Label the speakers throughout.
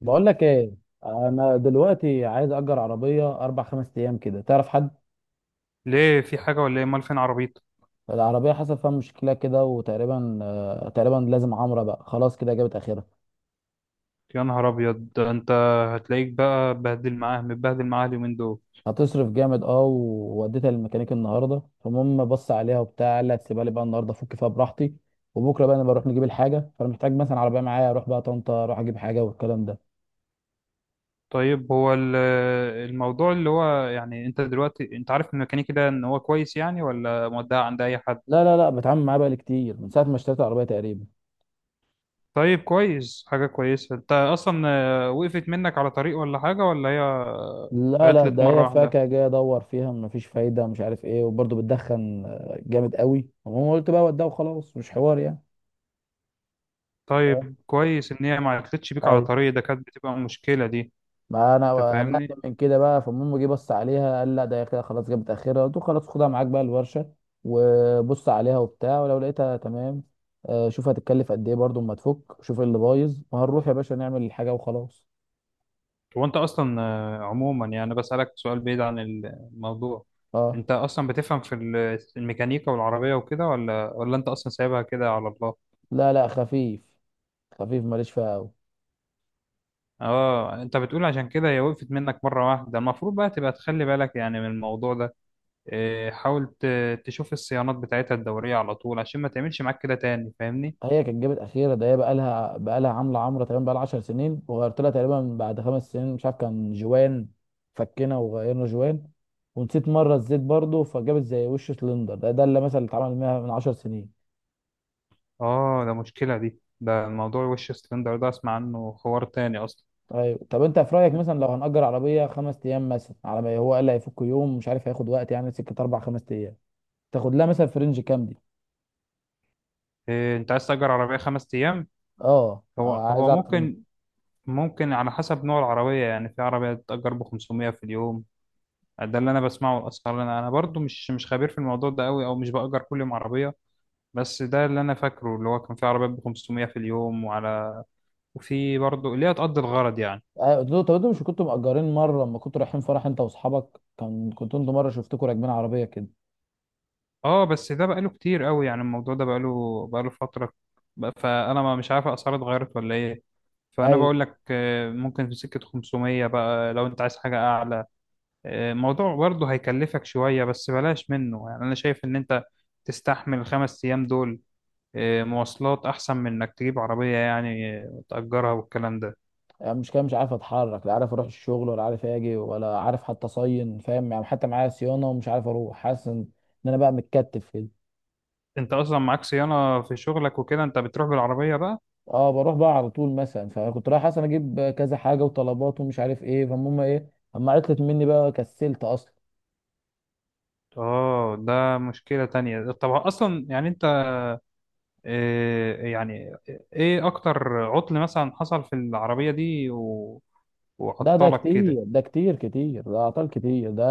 Speaker 1: بقول لك ايه. انا دلوقتي عايز اجر عربيه اربع خمس ايام كده، تعرف حد؟
Speaker 2: ليه؟ في حاجة ولا ايه؟ مال فين عربيتك؟
Speaker 1: العربيه حصل فيها مشكله كده، وتقريبا تقريبا لازم عمره، بقى خلاص كده جابت اخرها.
Speaker 2: يا نهار ابيض، ده انت هتلاقيك بقى بهدل معاه متبهدل معاه اليومين دول.
Speaker 1: هتصرف جامد. اه ووديتها للميكانيك النهارده، فالمهم بص عليها وبتاع، قال لي هتسيبها لي بقى النهارده افك فيها براحتي. وبكره بقى انا بروح نجيب الحاجه، فانا محتاج مثلا عربيه معايا اروح بقى طنطا، اروح اجيب حاجه والكلام ده.
Speaker 2: طيب، هو الموضوع اللي هو يعني انت دلوقتي، انت عارف الميكانيكي ده ان هو كويس يعني، ولا مودع عند اي حد؟
Speaker 1: لا لا لا، بتعامل معاه بقى كتير من ساعه ما اشتريت العربيه تقريبا.
Speaker 2: طيب كويس، حاجة كويسة. انت اصلا وقفت منك على طريق ولا حاجة؟ ولا هي
Speaker 1: لا لا،
Speaker 2: عطلت
Speaker 1: ده هي
Speaker 2: مرة واحدة؟
Speaker 1: فاكهة جاي ادور فيها مفيش فايدة، مش عارف ايه، وبرضه بتدخن جامد قوي، المهم قلت بقى وده وخلاص، مش حوار يعني. آه.
Speaker 2: طيب كويس ان هي ما عطلتش بيك على
Speaker 1: ايوه.
Speaker 2: طريق، ده كانت بتبقى مشكلة دي.
Speaker 1: ما
Speaker 2: انت
Speaker 1: انا قلقت
Speaker 2: فاهمني.
Speaker 1: من كده بقى، فالمهم جه بص عليها قال لا، ده هي كده خلاص جابت اخرها، قلت له خلاص خدها معاك بقى الورشة وبص عليها وبتاع، ولو لقيتها تمام. شوف هتتكلف قد ايه برضه اما تفك، شوف إيه اللي بايظ وهنروح يا باشا نعمل الحاجة وخلاص.
Speaker 2: هو انت اصلا عموما يعني بسألك سؤال بعيد عن الموضوع،
Speaker 1: اه.
Speaker 2: انت اصلا بتفهم في الميكانيكا والعربية وكده، ولا انت اصلا سايبها كده على الله؟
Speaker 1: لا لا، خفيف. خفيف، ماليش فيها قوي.
Speaker 2: اه، انت بتقول عشان كده هي وقفت منك مرة واحدة. المفروض بقى تبقى تخلي بالك يعني من الموضوع ده. حاول تشوف الصيانات بتاعتها الدورية على طول، عشان ما تعملش معاك كده تاني، فاهمني؟
Speaker 1: هي كانت جابت اخيره، ده هي بقى لها عامله عمره، تقريبا بقى لها 10 سنين، وغيرت لها تقريبا بعد 5 سنين، مش عارف كان جوان. فكنا وغيرنا جوان. ونسيت مره الزيت برضو، فجابت زي وش سلندر ده اللي مثلا اللي اتعمل منها من 10 سنين.
Speaker 2: اه، ده مشكلة دي. ده موضوع وش سلندر ده اسمع عنه حوار تاني اصلا.
Speaker 1: ايوه، طب انت في رايك مثلا لو هنأجر عربيه خمس ايام، مثلا على ما هو قال هيفك يوم، مش عارف هياخد وقت يعني، سكه اربع خمس ايام، تاخد لها مثلا في رينج كام دي؟
Speaker 2: إيه، انت عايز تأجر عربية خمس ايام؟
Speaker 1: اه،
Speaker 2: هو
Speaker 1: عايز
Speaker 2: هو
Speaker 1: اعرف رينج.
Speaker 2: ممكن، ممكن على حسب نوع العربية. يعني في عربية بتأجر ب 500 في اليوم. ده اللي أنا بسمعه الأسعار. أنا برضو مش خبير في الموضوع ده أوي، أو مش بأجر كل يوم عربية. بس ده اللي أنا فاكره، اللي هو كان في عربيات ب 500 في اليوم، وعلى وفي برضو اللي هي تقضي الغرض يعني.
Speaker 1: ايوه، قلت له طب انتوا مش كنتوا مأجرين مره لما كنتوا رايحين فرح انت واصحابك، كان كنتوا انتوا مره شفتكوا راكبين عربيه كده.
Speaker 2: أه، بس ده بقاله كتير أوي. يعني الموضوع ده بقاله فترة، فأنا ما مش عارف الأسعار اتغيرت ولا إيه. فأنا
Speaker 1: ايوه.
Speaker 2: بقول لك ممكن في سكة 500، بقى لو أنت عايز حاجة أعلى موضوع برضه هيكلفك شوية، بس بلاش منه يعني. أنا شايف إن أنت تستحمل الخمس أيام دول مواصلات أحسن من إنك تجيب عربية، يعني تأجرها والكلام ده.
Speaker 1: يعني مش كده، مش عارف اتحرك، لا عارف اروح الشغل، ولا عارف اجي، ولا عارف حتى اصين فاهم يعني، حتى معايا صيانه ومش عارف اروح، حاسس ان إن انا بقى متكتف كده.
Speaker 2: أنت أصلا معاك صيانة في شغلك وكده، أنت بتروح بالعربية بقى؟
Speaker 1: اه، بروح بقى على طول مثلا، فكنت رايح اصلا اجيب كذا حاجه وطلبات ومش عارف ايه، فالمهم ايه، اما عطلت مني بقى كسلت اصلا.
Speaker 2: آه، ده مشكلة تانية. طب أصلا يعني أنت آه، يعني إيه أكتر عطل مثلا حصل في العربية دي
Speaker 1: ده
Speaker 2: وعطلك كده؟
Speaker 1: كتير، ده كتير كتير، ده اعطال كتير ده.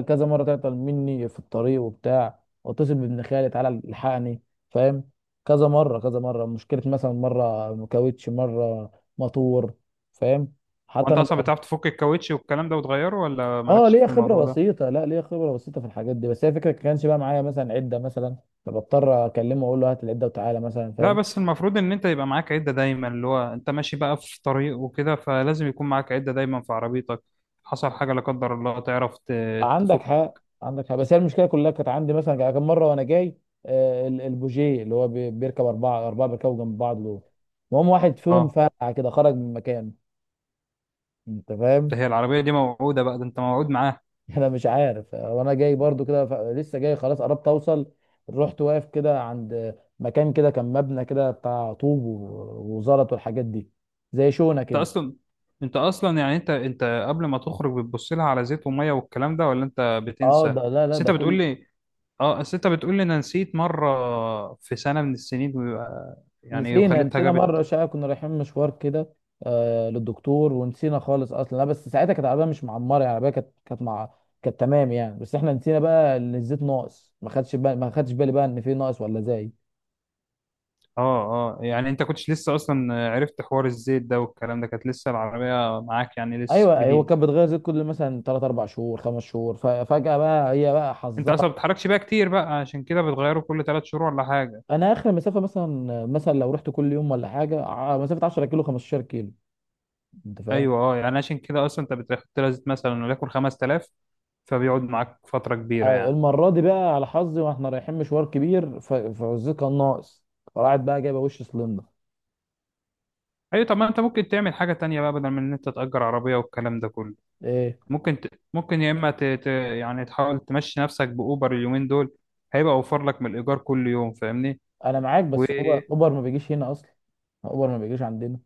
Speaker 1: كذا مره تعطل مني في الطريق وبتاع، واتصل بابن خالي تعالى الحقني. فاهم. كذا مره، كذا مره مشكله، مثلا مره كاوتش، مره موتور. فاهم. حتى
Speaker 2: وأنت
Speaker 1: انا.
Speaker 2: أصلا بتعرف تفك الكاوتش والكلام ده وتغيره، ولا
Speaker 1: اه
Speaker 2: مالكش
Speaker 1: ليا
Speaker 2: في
Speaker 1: خبره
Speaker 2: الموضوع ده؟
Speaker 1: بسيطه، لا، ليا خبره بسيطه في الحاجات دي، بس هي فكره كانش بقى معايا مثلا عده مثلا، فبضطر اكلمه واقول له هات العده وتعالى مثلا،
Speaker 2: لا
Speaker 1: فاهم.
Speaker 2: بس المفروض ان انت يبقى معاك عدة دايما، اللي هو انت ماشي بقى في طريق وكده، فلازم يكون معاك عدة دايما في عربيتك. حصل حاجة لا قدر الله، تعرف
Speaker 1: عندك
Speaker 2: تفك.
Speaker 1: حق، عندك حق، بس هي المشكله كلها كانت عندي مثلا كم مره وانا جاي. البوجيه اللي هو بيركب اربعه اربعه، بيركبوا جنب بعض دول، المهم واحد فيهم
Speaker 2: اه،
Speaker 1: فرقع كده خرج من مكانه. انت
Speaker 2: ده
Speaker 1: فاهم.
Speaker 2: هي العربية دي موعودة بقى، ده انت موعود معاها.
Speaker 1: انا مش عارف، وانا جاي برضو كده لسه جاي خلاص قربت اوصل، رحت واقف كده عند مكان كده، كان مبنى كده بتاع طوب و- وزلط والحاجات دي، زي شونه
Speaker 2: انت
Speaker 1: كده.
Speaker 2: اصلا انت اصلا يعني انت قبل ما تخرج بتبص لها على زيت ومية والكلام ده، ولا انت
Speaker 1: اه
Speaker 2: بتنسى؟
Speaker 1: ده لا لا،
Speaker 2: بس انت
Speaker 1: ده كله.
Speaker 2: بتقول لي اه، بس انت بتقول لي انا نسيت مرة في سنة من السنين، ويبقى- يعني
Speaker 1: نسينا
Speaker 2: وخليتها
Speaker 1: نسينا مرة
Speaker 2: جابت.
Speaker 1: شقة كنا رايحين مشوار كده، للدكتور، ونسينا خالص أصلا، لا بس ساعتها كانت العربية مش معمرة يعني، العربية كانت مع، كانت تمام يعني، بس احنا نسينا بقى إن الزيت ناقص، ما خدش بالي، ما خدش بالي بقى إن في ناقص ولا زايد.
Speaker 2: اه اه، يعني انت كنتش لسه اصلا عرفت حوار الزيت ده والكلام ده، كانت لسه العربية معاك يعني لسه
Speaker 1: أيوه، هو
Speaker 2: جديدة.
Speaker 1: كانت بتغير زيت كل مثلا 3 4 شهور، 5 شهور، ففجأة بقى هي بقى
Speaker 2: انت
Speaker 1: حظها.
Speaker 2: اصلا ما بتتحركش بيها كتير بقى، عشان كده بتغيره كل ثلاث شهور ولا حاجة.
Speaker 1: أنا آخر مسافة مثلا لو رحت كل يوم ولا حاجة، مسافة 10 كيلو، 15 كيلو، أنت فاهم.
Speaker 2: ايوه، اه، يعني عشان كده اصلا انت بتحط لها زيت مثلا وليكن 5000، فبيقعد معاك فترة كبيرة
Speaker 1: أيوة،
Speaker 2: يعني.
Speaker 1: المره دي بقى على حظي، واحنا رايحين مشوار كبير، فوزيه كان ناقص، راحت بقى جايبه وش سلندر.
Speaker 2: ايوه، طب ما انت ممكن تعمل حاجة تانية بقى بدل من ان انت تأجر عربية والكلام ده كله.
Speaker 1: ايه.
Speaker 2: ممكن ت... ممكن يا اما يعني تحاول تمشي نفسك بأوبر اليومين دول، هيبقى اوفر لك من الإيجار كل يوم، فاهمني؟
Speaker 1: انا معاك،
Speaker 2: و...
Speaker 1: بس اوبر، اوبر ما بيجيش هنا اصلا. اوبر ما بيجيش عندنا.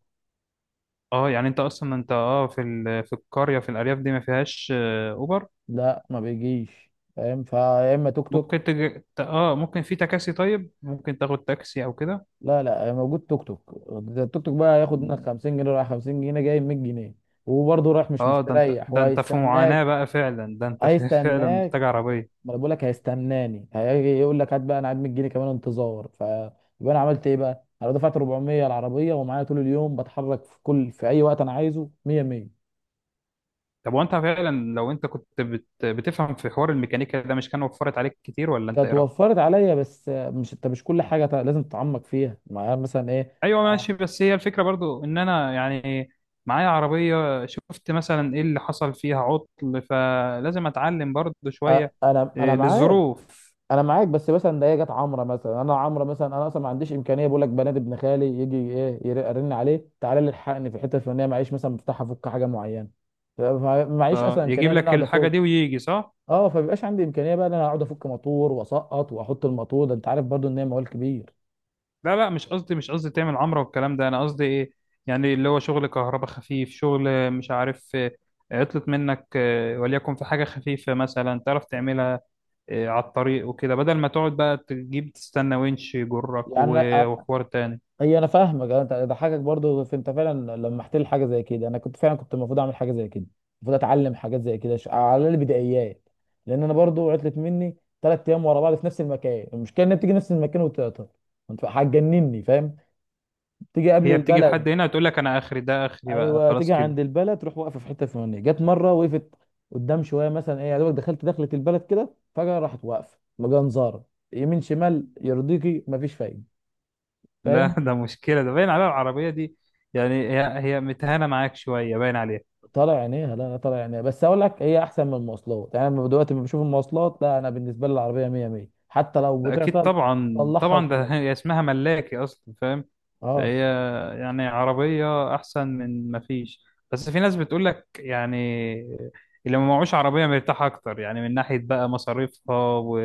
Speaker 2: اه، يعني انت اصلا انت اه في في القريه، في الارياف دي ما فيهاش اوبر.
Speaker 1: لا، ما بيجيش فاهم فيا، اما توك توك.
Speaker 2: اه ممكن في تكاسي، طيب ممكن تاخد تاكسي او كده.
Speaker 1: لا لا، موجود توك توك، ده التوك توك بقى ياخد منك 50 جنيه رايح، 50 جنيه جاي، 100 جنيه، وبرضه رايح مش
Speaker 2: اه، ده انت
Speaker 1: مستريح،
Speaker 2: ده انت في معاناه
Speaker 1: وهيستناك.
Speaker 2: بقى فعلا، ده انت في... فعلا محتاج
Speaker 1: هيستناك.
Speaker 2: عربيه.
Speaker 1: ما انا بقول لك هيستناني، هيجي يقول لك هات بقى انا قاعد، مديني كمان انتظار، فيبقى انا عملت ايه بقى، انا دفعت 400 العربيه ومعايا طول اليوم، بتحرك في كل، في اي وقت انا عايزه، 100 100.
Speaker 2: طب وانت فعلا لو انت كنت بتفهم في حوار الميكانيكا ده، مش كان وفرت عليك كتير؟ ولا انت
Speaker 1: كانت
Speaker 2: ايه رايك؟
Speaker 1: وفرت عليا، بس مش، انت مش كل حاجه لازم تتعمق فيها معايا مثلا ايه.
Speaker 2: ايوه ماشي، بس هي الفكره برضو ان انا يعني معايا عربيه، شفت مثلا ايه اللي حصل فيها عطل، فلازم اتعلم برضو
Speaker 1: أ-
Speaker 2: شويه
Speaker 1: انا انا معاك.
Speaker 2: للظروف.
Speaker 1: انا معاك بس مثلا، ده هي جت عمره مثلا، انا عمره مثلا، انا اصلا ما عنديش امكانيه، بقول لك بنات ابن خالي يجي ايه، ارن عليه تعالى لي الحقني في الحته الفلانيه، معيش مثلا مفتاح افك حاجه معينه، فمعيش
Speaker 2: اه،
Speaker 1: اصلا امكانيه
Speaker 2: يجيب
Speaker 1: ان انا
Speaker 2: لك
Speaker 1: اقعد
Speaker 2: الحاجة
Speaker 1: افك.
Speaker 2: دي ويجي، صح؟
Speaker 1: اه، فبيبقاش عندي امكانيه بقى ان انا اقعد افك موتور واسقط واحط الموتور، ده انت عارف برضو ان هي موال كبير.
Speaker 2: لا لا، مش قصدي تعمل عمرة والكلام ده. أنا قصدي إيه، يعني اللي هو شغل كهرباء خفيف، شغل مش عارف عطلت منك وليكن في حاجة خفيفة مثلا، تعرف تعملها على الطريق وكده، بدل ما تقعد بقى تجيب تستنى winch يجرك
Speaker 1: يعني
Speaker 2: وحوار تاني.
Speaker 1: هي انا فاهمك، انت ضحكك برضو في، انت فعلا لمحت لي حاجه زي كده، انا كنت فعلا، كنت المفروض اعمل حاجه زي كده، المفروض اتعلم حاجات زي كده، على البدايات، لان انا برضو عطلت مني 3 ايام ورا بعض في نفس المكان، المشكله انها بتيجي نفس المكان وتقطع، انت هتجنني فاهم، تيجي قبل
Speaker 2: هي بتيجي
Speaker 1: البلد.
Speaker 2: لحد هنا تقول لك أنا آخري، ده آخري بقى
Speaker 1: ايوه، تيجي
Speaker 2: خلاص كده.
Speaker 1: عند البلد، تروح واقفه في حته فلانيه، جت مره وقفت قدام شويه مثلا ايه، يا دوبك دخلت دخلة البلد كده، فجاه راحت واقفه مجنزاره يمين شمال، يرضيكي مفيش فايده،
Speaker 2: لا
Speaker 1: فاهم.
Speaker 2: ده مشكلة، ده باين عليها العربية دي. يعني هي متهانة معاك شوية باين عليها.
Speaker 1: طالع عينيها، لا لا، طالع عينيها، بس اقول لك هي احسن من المواصلات يعني، انا دلوقتي لما بشوف المواصلات، لا، انا بالنسبه لي العربيه 100 100 حتى لو
Speaker 2: ده أكيد
Speaker 1: بتعطل،
Speaker 2: طبعا
Speaker 1: طلعها
Speaker 2: طبعا، ده
Speaker 1: وخلاص.
Speaker 2: هي اسمها ملاكي أصلا، فاهم؟
Speaker 1: اه.
Speaker 2: فهي يعني عربية أحسن من ما فيش. بس في ناس بتقول لك يعني اللي ما معهوش عربية مرتاح أكتر، يعني من ناحية بقى مصاريفها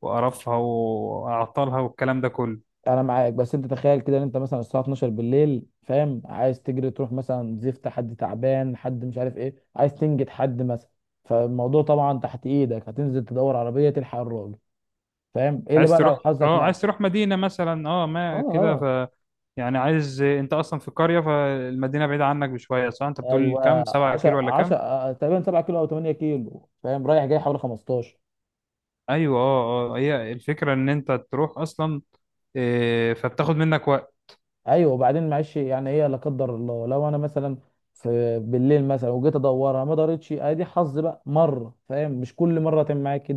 Speaker 2: وقرفها وأعطالها والكلام ده كله.
Speaker 1: انا معاك، بس انت تخيل كده ان انت مثلا الساعه 12 بالليل، فاهم، عايز تجري تروح مثلا زفت، حد تعبان، حد مش عارف ايه، عايز تنجد حد مثلا، فالموضوع طبعا تحت ايدك، هتنزل تدور عربيه تلحق الراجل، فاهم ايه اللي
Speaker 2: عايز
Speaker 1: بقى لو
Speaker 2: تروح،
Speaker 1: حظك
Speaker 2: اه
Speaker 1: نحس.
Speaker 2: عايز تروح مدينة مثلا، اه
Speaker 1: اه
Speaker 2: ما كده،
Speaker 1: اه،
Speaker 2: ف يعني عايز انت اصلا في قرية، فالمدينة بعيدة عنك بشوية، صح؟ انت بتقول
Speaker 1: ايوه،
Speaker 2: كام، سبعة
Speaker 1: 10
Speaker 2: كيلو ولا كام؟
Speaker 1: 10 تقريبا، 7 كيلو او 8 كيلو، فاهم، رايح جاي حوالي 15.
Speaker 2: ايوه، اه اه، هي الفكرة ان انت تروح اصلا إيه، فبتاخد منك وقت.
Speaker 1: ايوه، وبعدين معلش يعني ايه، لا قدر الله لو انا مثلا في بالليل مثلا، وجيت ادورها ما دارتش، ادي حظ بقى مره، فاهم، مش كل مره تم معاك.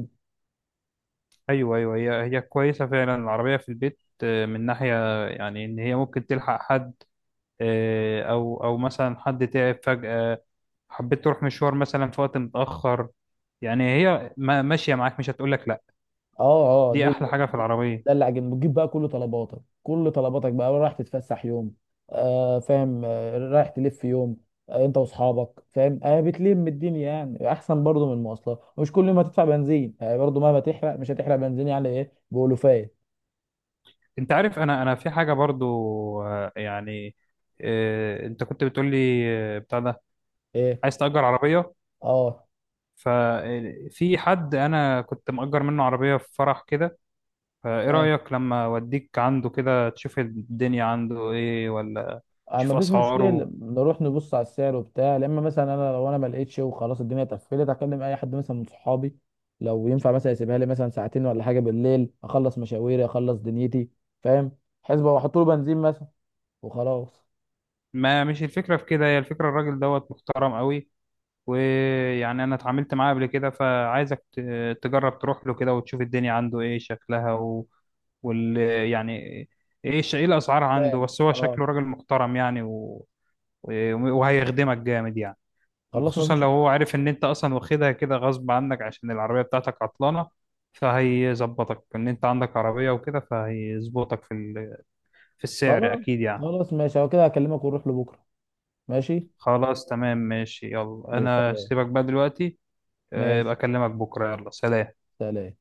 Speaker 2: ايوه ايوه، هي كويسه فعلا العربيه في البيت من ناحيه يعني ان هي ممكن تلحق حد او مثلا حد تعب فجاه، حبيت تروح مشوار مثلا في وقت متاخر، يعني هي ماشيه معاك مش هتقول لك لا.
Speaker 1: اه اه،
Speaker 2: دي
Speaker 1: دي
Speaker 2: احلى
Speaker 1: ده،
Speaker 2: حاجه في
Speaker 1: ده
Speaker 2: العربيه.
Speaker 1: اللي عجبني، بتجيب بقى كل طلباتك، كل طلباتك بقى، رايح تتفسح يوم، فاهم، رايح تلف يوم، انت واصحابك، فاهم، بتلم الدنيا يعني، احسن برضو من المواصلات، ومش كل يوم هتدفع بنزين، برضو مهما تحرق مش هتحرق بنزين يعني ايه بألوفات.
Speaker 2: انت عارف، انا في حاجه برضو آه، يعني انت كنت بتقول لي بتاع ده،
Speaker 1: ايه.
Speaker 2: عايز تأجر عربيه.
Speaker 1: اه،
Speaker 2: ففي حد انا كنت مأجر منه عربيه في فرح كده، فايه رأيك لما اوديك عنده كده، تشوف الدنيا عنده ايه، ولا
Speaker 1: آه،
Speaker 2: تشوف
Speaker 1: مفيش مشكله.
Speaker 2: اسعاره.
Speaker 1: نروح نبص على السعر وبتاع، لا اما مثلا لو انا ما لقيتش وخلاص الدنيا اتقفلت، اكلم اي حد مثلا من صحابي، لو ينفع مثلا يسيبها لي مثلا ساعتين ولا حاجه بالليل، اخلص مشاويري، اخلص دنيتي، فاهم، حسبه واحط له بنزين مثلا، وخلاص.
Speaker 2: ما مش الفكرة في كده، هي الفكرة الراجل دوت محترم قوي، ويعني انا اتعاملت معاه قبل كده، فعايزك تجرب تروح له كده وتشوف الدنيا عنده ايه شكلها و... وال يعني ايه ايه الاسعار عنده،
Speaker 1: فاهم.
Speaker 2: بس هو
Speaker 1: اه.
Speaker 2: شكله راجل محترم يعني وهيخدمك جامد يعني.
Speaker 1: خلاص،
Speaker 2: خصوصا
Speaker 1: مفيش.
Speaker 2: لو هو عارف ان انت اصلا واخدها كده غصب عنك عشان العربية بتاعتك عطلانة، فهيظبطك ان انت عندك عربية وكده، فهيظبطك في في السعر
Speaker 1: خلاص
Speaker 2: اكيد يعني.
Speaker 1: خلاص ماشي، هو كده هكلمك ونروح لبكره. ماشي.
Speaker 2: خلاص تمام ماشي، يلا
Speaker 1: ماشي.
Speaker 2: انا
Speaker 1: سلام.
Speaker 2: سيبك بقى دلوقتي. يبقى
Speaker 1: ماشي.
Speaker 2: اكلمك بكرة، يلا سلام.
Speaker 1: سلام.